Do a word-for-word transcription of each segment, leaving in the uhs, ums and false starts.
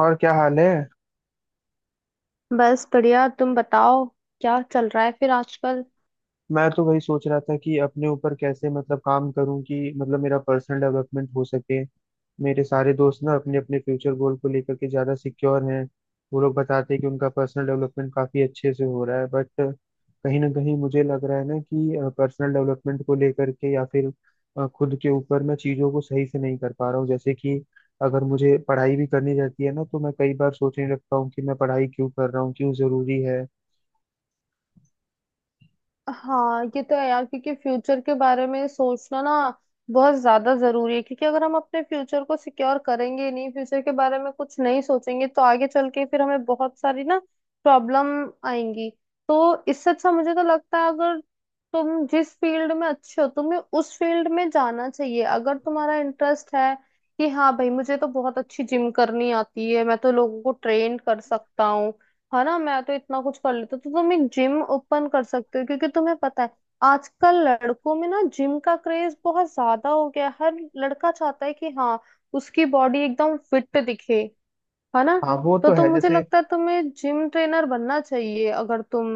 और क्या हाल है। बस बढ़िया, तुम बताओ। क्या चल रहा है फिर आजकल। मैं तो वही सोच रहा था कि अपने ऊपर कैसे मतलब काम करूं कि मतलब मेरा पर्सनल डेवलपमेंट हो सके। मेरे सारे दोस्त ना अपने अपने फ्यूचर गोल को लेकर के ज्यादा सिक्योर हैं। वो लोग बताते हैं कि उनका पर्सनल डेवलपमेंट काफी अच्छे से हो रहा है, बट कहीं ना कहीं मुझे लग रहा है ना कि पर्सनल डेवलपमेंट को लेकर के या फिर अ, खुद के ऊपर मैं चीजों को सही से नहीं कर पा रहा हूँ। जैसे कि अगर मुझे पढ़ाई भी करनी रहती है ना, तो मैं कई बार सोचने लगता हूँ कि मैं पढ़ाई क्यों कर रहा हूँ, क्यों जरूरी है। हाँ, ये तो है यार, क्योंकि फ्यूचर के बारे में सोचना ना बहुत ज्यादा जरूरी है। क्योंकि अगर हम अपने फ्यूचर को सिक्योर करेंगे ही नहीं, फ्यूचर के बारे में कुछ नहीं सोचेंगे, तो आगे चल के फिर हमें बहुत सारी ना प्रॉब्लम आएंगी। तो इससे अच्छा मुझे तो लगता है, अगर तुम जिस फील्ड में अच्छे हो तुम्हें उस फील्ड में जाना चाहिए। अगर तुम्हारा इंटरेस्ट है कि हाँ भाई, मुझे तो बहुत अच्छी जिम करनी आती है, मैं तो लोगों को ट्रेन कर सकता हूँ, है ना, मैं तो इतना कुछ कर लेता, तो तुम एक जिम ओपन कर सकते हो। क्योंकि तुम्हें पता है, आजकल लड़कों में ना जिम का क्रेज बहुत ज्यादा हो गया है। हर लड़का चाहता है कि हाँ, उसकी बॉडी एकदम फिट दिखे, है ना। हाँ वो तो तो तुम, है। मुझे जैसे लगता है तुम्हें जिम ट्रेनर बनना चाहिए अगर तुम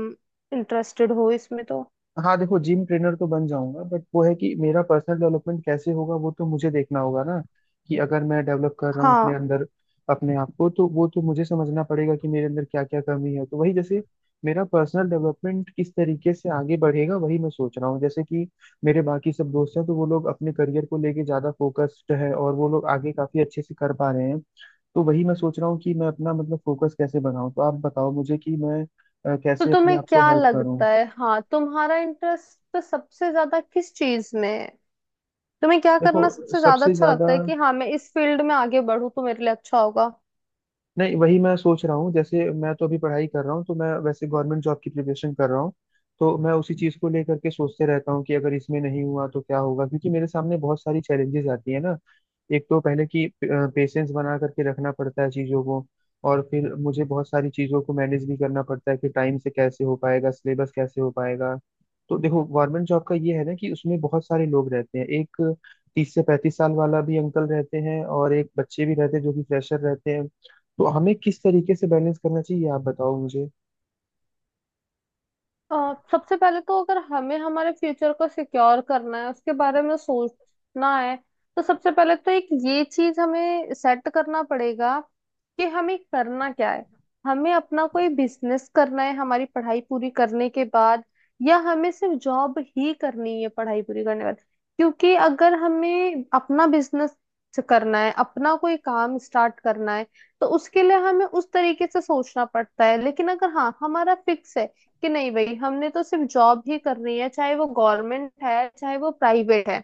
इंटरेस्टेड हो इसमें तो। हाँ देखो, जिम ट्रेनर तो बन जाऊंगा, बट वो है कि मेरा पर्सनल डेवलपमेंट कैसे होगा वो तो मुझे देखना होगा ना। कि अगर मैं डेवलप कर रहा हूँ अपने हाँ, अंदर अपने आप को, तो वो तो मुझे समझना पड़ेगा कि मेरे अंदर क्या क्या कमी है। तो वही जैसे मेरा पर्सनल डेवलपमेंट किस तरीके से आगे बढ़ेगा वही मैं सोच रहा हूँ। जैसे कि मेरे बाकी सब दोस्त हैं तो वो लोग अपने करियर को लेके ज्यादा फोकस्ड है और वो लोग आगे काफी अच्छे से कर पा रहे हैं। तो वही मैं सोच रहा हूँ कि मैं अपना मतलब फोकस कैसे बनाऊँ। तो आप बताओ मुझे कि मैं अ, तो कैसे अपने तुम्हें आप को क्या हेल्प करूँ। लगता है, हाँ, तुम्हारा इंटरेस्ट सबसे ज्यादा किस चीज में है। तुम्हें क्या करना देखो सबसे ज्यादा सबसे अच्छा ज्यादा, लगता है कि हाँ, मैं इस फील्ड में आगे बढ़ूं तो मेरे लिए अच्छा होगा। नहीं वही मैं सोच रहा हूँ। जैसे मैं तो अभी पढ़ाई कर रहा हूँ तो मैं वैसे गवर्नमेंट जॉब की प्रिपरेशन कर रहा हूँ। तो मैं उसी चीज़ को लेकर के सोचते रहता हूँ कि अगर इसमें नहीं हुआ तो क्या होगा, क्योंकि मेरे सामने बहुत सारी चैलेंजेस आती है ना। एक तो पहले कि पेशेंस बना करके रखना पड़ता है चीज़ों को, और फिर मुझे बहुत सारी चीज़ों को मैनेज भी करना पड़ता है कि टाइम से कैसे हो पाएगा, सिलेबस कैसे हो पाएगा। तो देखो, गवर्नमेंट जॉब का ये है ना कि उसमें बहुत सारे लोग रहते हैं। एक तीस से पैंतीस साल वाला भी अंकल रहते हैं और एक बच्चे भी रहते हैं जो कि फ्रेशर रहते हैं। तो हमें किस तरीके से बैलेंस करना चाहिए आप बताओ मुझे। अ, सबसे पहले तो अगर हमें हमारे फ्यूचर को सिक्योर करना है, उसके बारे में सोचना है, तो सबसे पहले तो एक ये चीज हमें सेट करना पड़ेगा कि हमें करना क्या है। हमें अपना कोई बिजनेस करना है हमारी पढ़ाई पूरी करने के बाद, या हमें सिर्फ जॉब ही करनी है पढ़ाई पूरी करने के बाद। क्योंकि अगर हमें अपना बिजनेस करना है, अपना कोई काम स्टार्ट करना है, तो उसके लिए हमें उस तरीके से सोचना पड़ता है। लेकिन अगर हाँ हमारा फिक्स है कि नहीं भाई, हमने तो सिर्फ जॉब ही करनी है, चाहे वो गवर्नमेंट है चाहे वो प्राइवेट है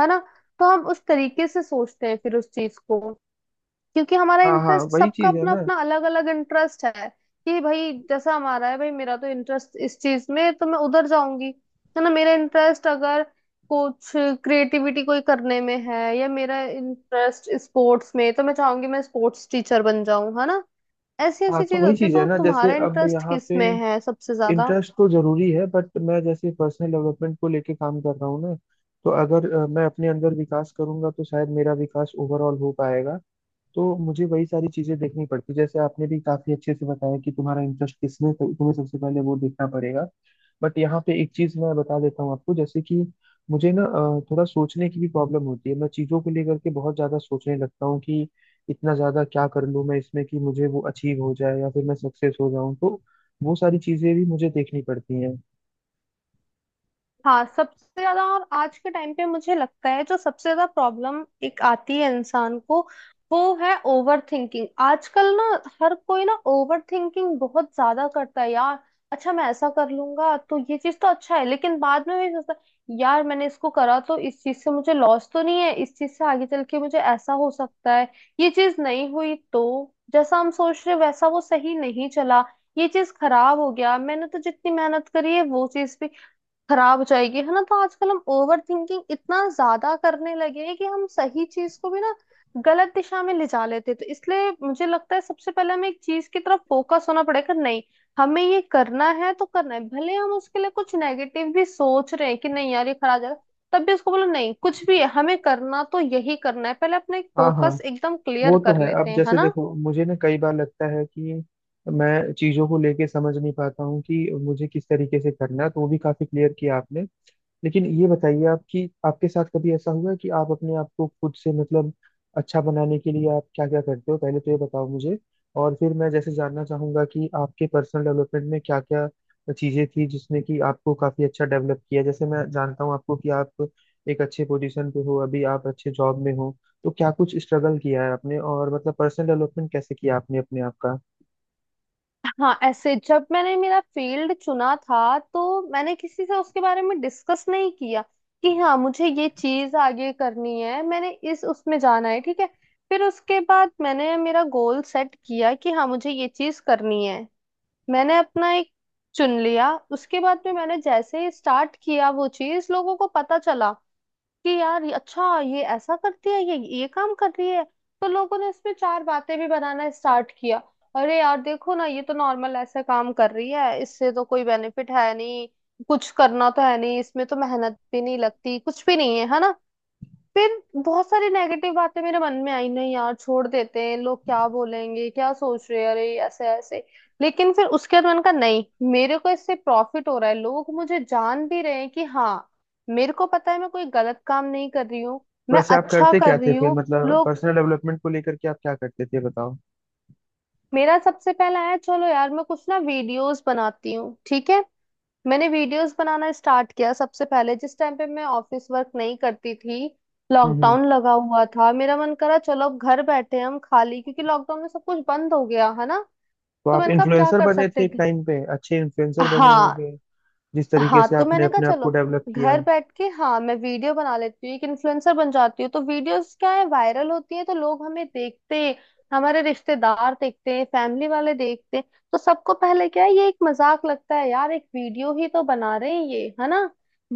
है ना, तो हम उस तरीके से सोचते हैं फिर उस चीज को। क्योंकि हमारा हाँ हाँ, इंटरेस्ट, वही सबका चीज है अपना ना। अपना अलग अलग इंटरेस्ट है कि भाई जैसा हमारा है, भाई मेरा तो इंटरेस्ट इस चीज में है, तो मैं उधर जाऊंगी। है ना, मेरा इंटरेस्ट अगर कुछ क्रिएटिविटी कोई करने में है, या मेरा इंटरेस्ट स्पोर्ट्स में है, तो मैं चाहूंगी मैं स्पोर्ट्स टीचर बन जाऊं, है ना। ऐसी हाँ ऐसी तो चीज वही होती है। चीज है तो ना। जैसे तुम्हारा अब इंटरेस्ट यहाँ किस पे में है सबसे ज्यादा। इंटरेस्ट तो जरूरी है, बट मैं जैसे पर्सनल डेवलपमेंट को लेके काम कर रहा हूँ ना। तो अगर अ, मैं अपने अंदर विकास करूंगा तो शायद मेरा विकास ओवरऑल हो पाएगा। तो मुझे वही सारी चीजें देखनी पड़ती। जैसे आपने भी काफी अच्छे से बताया कि तुम्हारा इंटरेस्ट किसमें, तो तुम्हें सबसे पहले वो देखना पड़ेगा। बट यहाँ पे एक चीज मैं बता देता हूँ आपको। जैसे कि मुझे ना अ, थोड़ा सोचने की भी प्रॉब्लम होती है। मैं चीजों को लेकर के बहुत ज्यादा सोचने लगता हूँ कि इतना ज्यादा क्या कर लूँ मैं इसमें कि मुझे वो अचीव हो जाए या फिर मैं सक्सेस हो जाऊँ। तो वो सारी चीजें भी मुझे देखनी पड़ती हैं। हाँ, सबसे ज्यादा और आज के टाइम पे मुझे लगता है जो सबसे ज्यादा प्रॉब्लम एक आती है इंसान को, वो है ओवर थिंकिंग। आजकल ना हर कोई ना ओवर थिंकिंग बहुत ज्यादा करता है यार। अच्छा, मैं ऐसा कर लूंगा तो ये चीज तो अच्छा है, लेकिन बाद में भी सोचता है, यार मैंने इसको करा तो इस चीज से मुझे लॉस तो नहीं है, इस चीज से आगे चल के मुझे ऐसा हो सकता है, ये चीज नहीं हुई तो, जैसा हम सोच रहे वैसा वो सही नहीं चला, ये चीज खराब हो गया, मैंने तो जितनी मेहनत करी है वो चीज भी खराब हो जाएगी, है ना। तो आजकल हम ओवर थिंकिंग इतना ज्यादा करने लगे हैं कि हम सही चीज को भी ना गलत दिशा में ले जा लेते हैं। तो इसलिए मुझे लगता है सबसे पहले हमें एक चीज की तरफ फोकस होना पड़ेगा। नहीं, हमें ये करना है तो करना है, भले हम उसके लिए कुछ नेगेटिव भी सोच रहे हैं कि नहीं यार ये खराब जाएगा, तब भी उसको बोलो नहीं, कुछ भी है हमें करना तो यही करना है। पहले अपना एक हाँ हाँ, फोकस एकदम क्लियर वो तो कर है। लेते अब हैं, है जैसे ना। देखो मुझे ना कई बार लगता है कि मैं चीजों को लेके समझ नहीं पाता हूँ कि मुझे किस तरीके से करना है, तो वो भी काफी क्लियर किया आपने। लेकिन ये बताइए आप कि आपके साथ कभी ऐसा हुआ है कि आप अपने आप को खुद से मतलब अच्छा बनाने के लिए आप क्या क्या करते हो, पहले तो ये बताओ मुझे। और फिर मैं जैसे जानना चाहूंगा कि आपके पर्सनल डेवलपमेंट में क्या क्या चीजें थी जिसने कि आपको काफी अच्छा डेवलप किया। जैसे मैं जानता हूँ आपको कि आप एक अच्छे पोजीशन पे हो, अभी आप अच्छे जॉब में हो। तो क्या कुछ स्ट्रगल किया है आपने, और मतलब पर्सनल डेवलपमेंट कैसे किया आपने अपने आप का। हाँ, ऐसे जब मैंने मेरा फील्ड चुना था तो मैंने किसी से उसके बारे में डिस्कस नहीं किया कि हाँ मुझे ये चीज आगे करनी है, मैंने इस उसमें जाना है, ठीक है। फिर उसके बाद मैंने मेरा गोल सेट किया कि हाँ मुझे ये चीज करनी है, मैंने अपना एक चुन लिया। उसके बाद में मैंने जैसे ही स्टार्ट किया, वो चीज लोगों को पता चला कि यार ये- अच्छा ये ऐसा करती है, ये ये काम कर रही है। तो लोगों ने इसमें चार बातें भी बनाना स्टार्ट किया। अरे यार, देखो ना, ये तो नॉर्मल ऐसे काम कर रही है, इससे तो कोई बेनिफिट है नहीं, कुछ करना तो है नहीं इसमें, तो मेहनत भी नहीं लगती, कुछ भी नहीं है, है ना। फिर बहुत सारी नेगेटिव बातें मेरे मन में आई, नहीं यार छोड़ देते हैं, लोग क्या बोलेंगे, क्या सोच रहे हैं, अरे ऐसे ऐसे। लेकिन फिर उसके बाद मैंने कहा नहीं, मेरे को इससे प्रॉफिट हो रहा है, लोग मुझे जान भी रहे हैं कि हाँ, मेरे को पता है मैं कोई गलत काम नहीं कर रही हूँ, मैं वैसे आप अच्छा करते क्या कर थे रही फिर, हूँ। मतलब लोग, पर्सनल डेवलपमेंट को लेकर के आप क्या करते थे बताओ। मेरा सबसे पहला है चलो यार मैं कुछ ना वीडियोस बनाती हूँ, ठीक है। मैंने वीडियोस बनाना स्टार्ट किया सबसे पहले जिस टाइम पे मैं ऑफिस वर्क नहीं करती थी। हम्म। लॉकडाउन लगा हुआ था, मेरा मन करा चलो अब घर बैठे हम खाली, क्योंकि लॉकडाउन में सब कुछ बंद हो गया है ना। तो तो आप मैंने कहा अब क्या इन्फ्लुएंसर कर बने सकते थे एक हैं? टाइम पे, अच्छे इन्फ्लुएंसर बने हाँ। होंगे। जिस तरीके हाँ, से तो आपने मैंने कहा अपने आप चलो को डेवलप किया। घर बैठ के हाँ मैं वीडियो बना लेती हूँ, एक इन्फ्लुएंसर बन जाती हूँ। तो वीडियोस क्या है वायरल होती है, तो लोग हमें देखते हैं, हमारे रिश्तेदार देखते हैं, फैमिली वाले देखते हैं। तो सबको पहले क्या है, ये एक मजाक लगता है यार, एक वीडियो ही तो बना रहे हैं ये, है ना।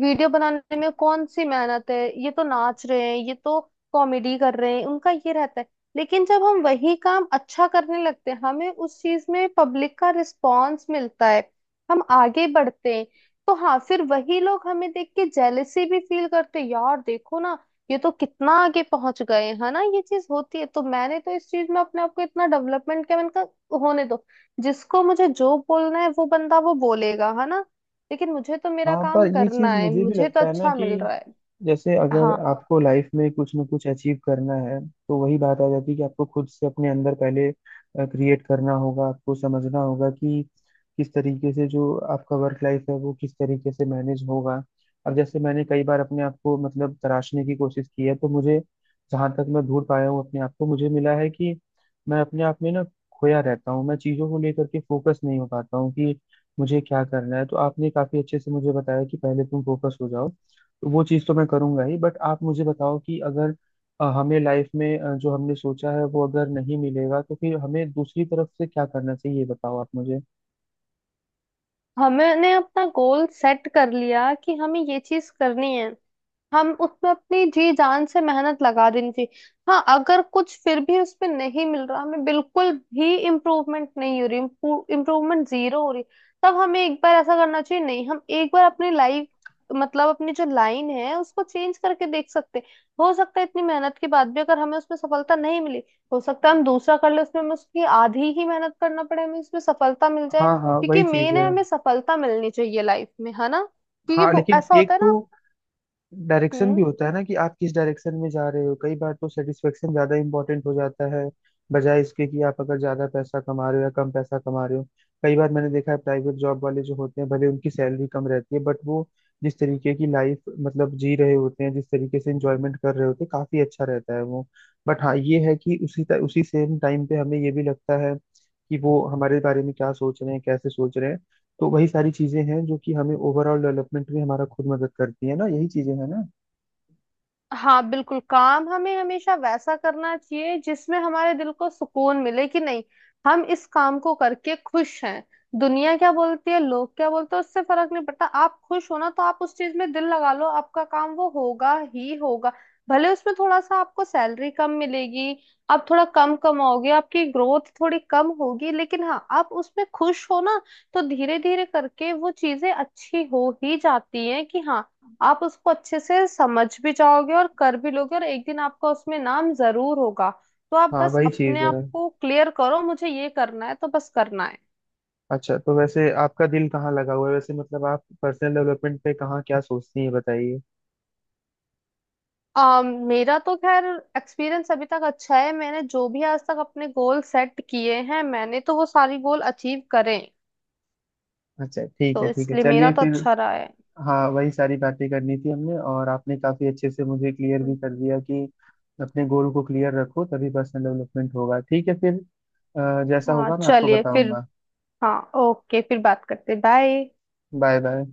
वीडियो बनाने में कौन सी मेहनत है, ये तो नाच रहे हैं, ये तो कॉमेडी कर रहे हैं, उनका ये रहता है। लेकिन जब हम वही काम अच्छा करने लगते हैं, हमें उस चीज में पब्लिक का रिस्पॉन्स मिलता है, हम आगे बढ़ते हैं। तो हाँ, फिर वही लोग हमें देख के जेलेसी भी फील करते, यार देखो ना ये तो कितना आगे पहुंच गए, है ना। ये चीज होती है। तो मैंने तो इस चीज में अपने आप को इतना डेवलपमेंट किया, मैंने कहा होने दो, जिसको मुझे जो बोलना है वो बंदा वो बोलेगा, है ना। लेकिन मुझे तो मेरा हाँ पर काम ये करना चीज है, मुझे भी मुझे तो लगता है ना अच्छा कि मिल रहा है। जैसे अगर हाँ, आपको लाइफ में कुछ ना कुछ अचीव करना है, तो वही बात आ जाती है कि आपको खुद से अपने अंदर पहले क्रिएट करना होगा। आपको समझना होगा कि किस तरीके से जो आपका वर्क लाइफ है वो किस तरीके से मैनेज होगा। अब जैसे मैंने कई बार अपने आप को मतलब तराशने की कोशिश की है, तो मुझे जहाँ तक मैं ढूंढ पाया हूँ अपने आप को, मुझे मिला है कि मैं अपने आप में ना खोया रहता हूँ। मैं चीज़ों को लेकर के फोकस नहीं हो पाता हूँ कि मुझे क्या करना है। तो आपने काफी अच्छे से मुझे बताया कि पहले तुम फोकस हो जाओ। तो वो चीज़ तो मैं करूंगा ही, बट आप मुझे बताओ कि अगर अ, हमें लाइफ में अ, जो हमने सोचा है वो अगर नहीं मिलेगा, तो फिर हमें दूसरी तरफ से क्या करना चाहिए ये बताओ आप मुझे। हमने अपना गोल सेट कर लिया कि हमें ये चीज करनी है, हम उसमें अपनी जी जान से मेहनत लगा देनी चाहिए। हाँ, अगर कुछ फिर भी उसमें नहीं मिल रहा, हमें बिल्कुल भी इम्प्रूवमेंट नहीं हो रही, इम्प्रूवमेंट जीरो हो रही, तब हमें एक बार ऐसा करना चाहिए। नहीं, हम एक बार अपनी लाइफ, मतलब अपनी जो लाइन है उसको चेंज करके देख सकते हैं। हो सकता है इतनी मेहनत के बाद भी अगर हमें उसमें सफलता नहीं मिली, हो सकता है हम दूसरा कर ले, उसमें हमें उसकी आधी ही मेहनत करना पड़े, हमें उसमें सफलता मिल जाए। हाँ हाँ, क्योंकि वही चीज़ मेन है। है हमें सफलता मिलनी चाहिए लाइफ में, है ना। क्योंकि हाँ वो लेकिन ऐसा एक होता है तो ना। डायरेक्शन भी हम्म। होता है ना कि आप किस डायरेक्शन में जा रहे हो। कई बार तो सेटिस्फेक्शन ज्यादा इंपॉर्टेंट हो जाता है बजाय इसके कि आप अगर ज्यादा पैसा कमा रहे हो या कम पैसा कमा रहे हो। कई बार मैंने देखा है प्राइवेट जॉब वाले जो होते हैं भले उनकी सैलरी कम रहती है, बट वो जिस तरीके की लाइफ मतलब जी रहे होते हैं, जिस तरीके से इंजॉयमेंट कर रहे होते हैं, काफी अच्छा रहता है वो। बट हाँ ये है कि उसी त- उसी सेम टाइम पे हमें ये भी लगता है कि वो हमारे बारे में क्या सोच रहे हैं, कैसे सोच रहे हैं। तो वही सारी चीजें हैं जो कि हमें ओवरऑल डेवलपमेंट में हमारा खुद मदद करती है ना, यही चीजें हैं ना। हाँ, बिल्कुल, काम हमें हमेशा वैसा करना चाहिए जिसमें हमारे दिल को सुकून मिले कि नहीं, हम इस काम को करके खुश हैं। दुनिया क्या बोलती है, लोग क्या बोलते हैं, उससे फर्क नहीं पड़ता। आप खुश हो ना, तो आप उस चीज में दिल लगा लो, आपका काम वो होगा ही होगा। भले उसमें थोड़ा सा आपको सैलरी कम मिलेगी, आप थोड़ा कम कमाओगे, आपकी ग्रोथ थोड़ी कम होगी, लेकिन हाँ आप उसमें खुश हो ना, तो धीरे धीरे करके वो चीजें अच्छी हो ही जाती हैं कि हाँ, आप उसको अच्छे से समझ भी जाओगे और कर भी लोगे, और एक दिन आपका उसमें नाम जरूर होगा। तो आप हाँ बस वही चीज अपने है। आप को क्लियर करो, मुझे ये करना है तो बस करना है। अच्छा तो वैसे आपका दिल कहाँ लगा हुआ है, वैसे मतलब आप पर्सनल डेवलपमेंट पे कहाँ क्या सोचती हैं बताइए। अम, मेरा तो खैर एक्सपीरियंस अभी तक अच्छा है। मैंने जो भी आज तक अपने गोल सेट किए हैं, मैंने तो वो सारी गोल अचीव करे। अच्छा ठीक है, तो ठीक है इसलिए मेरा चलिए तो फिर। अच्छा रहा है। हाँ वही सारी बातें करनी थी हमने, और आपने काफी अच्छे से मुझे क्लियर भी कर दिया कि अपने गोल को क्लियर रखो तभी पर्सनल डेवलपमेंट होगा। ठीक है फिर, अ, जैसा हाँ, होगा मैं आपको चलिए फिर। बताऊंगा। हाँ, ओके, फिर बात करते, बाय। Bye bye.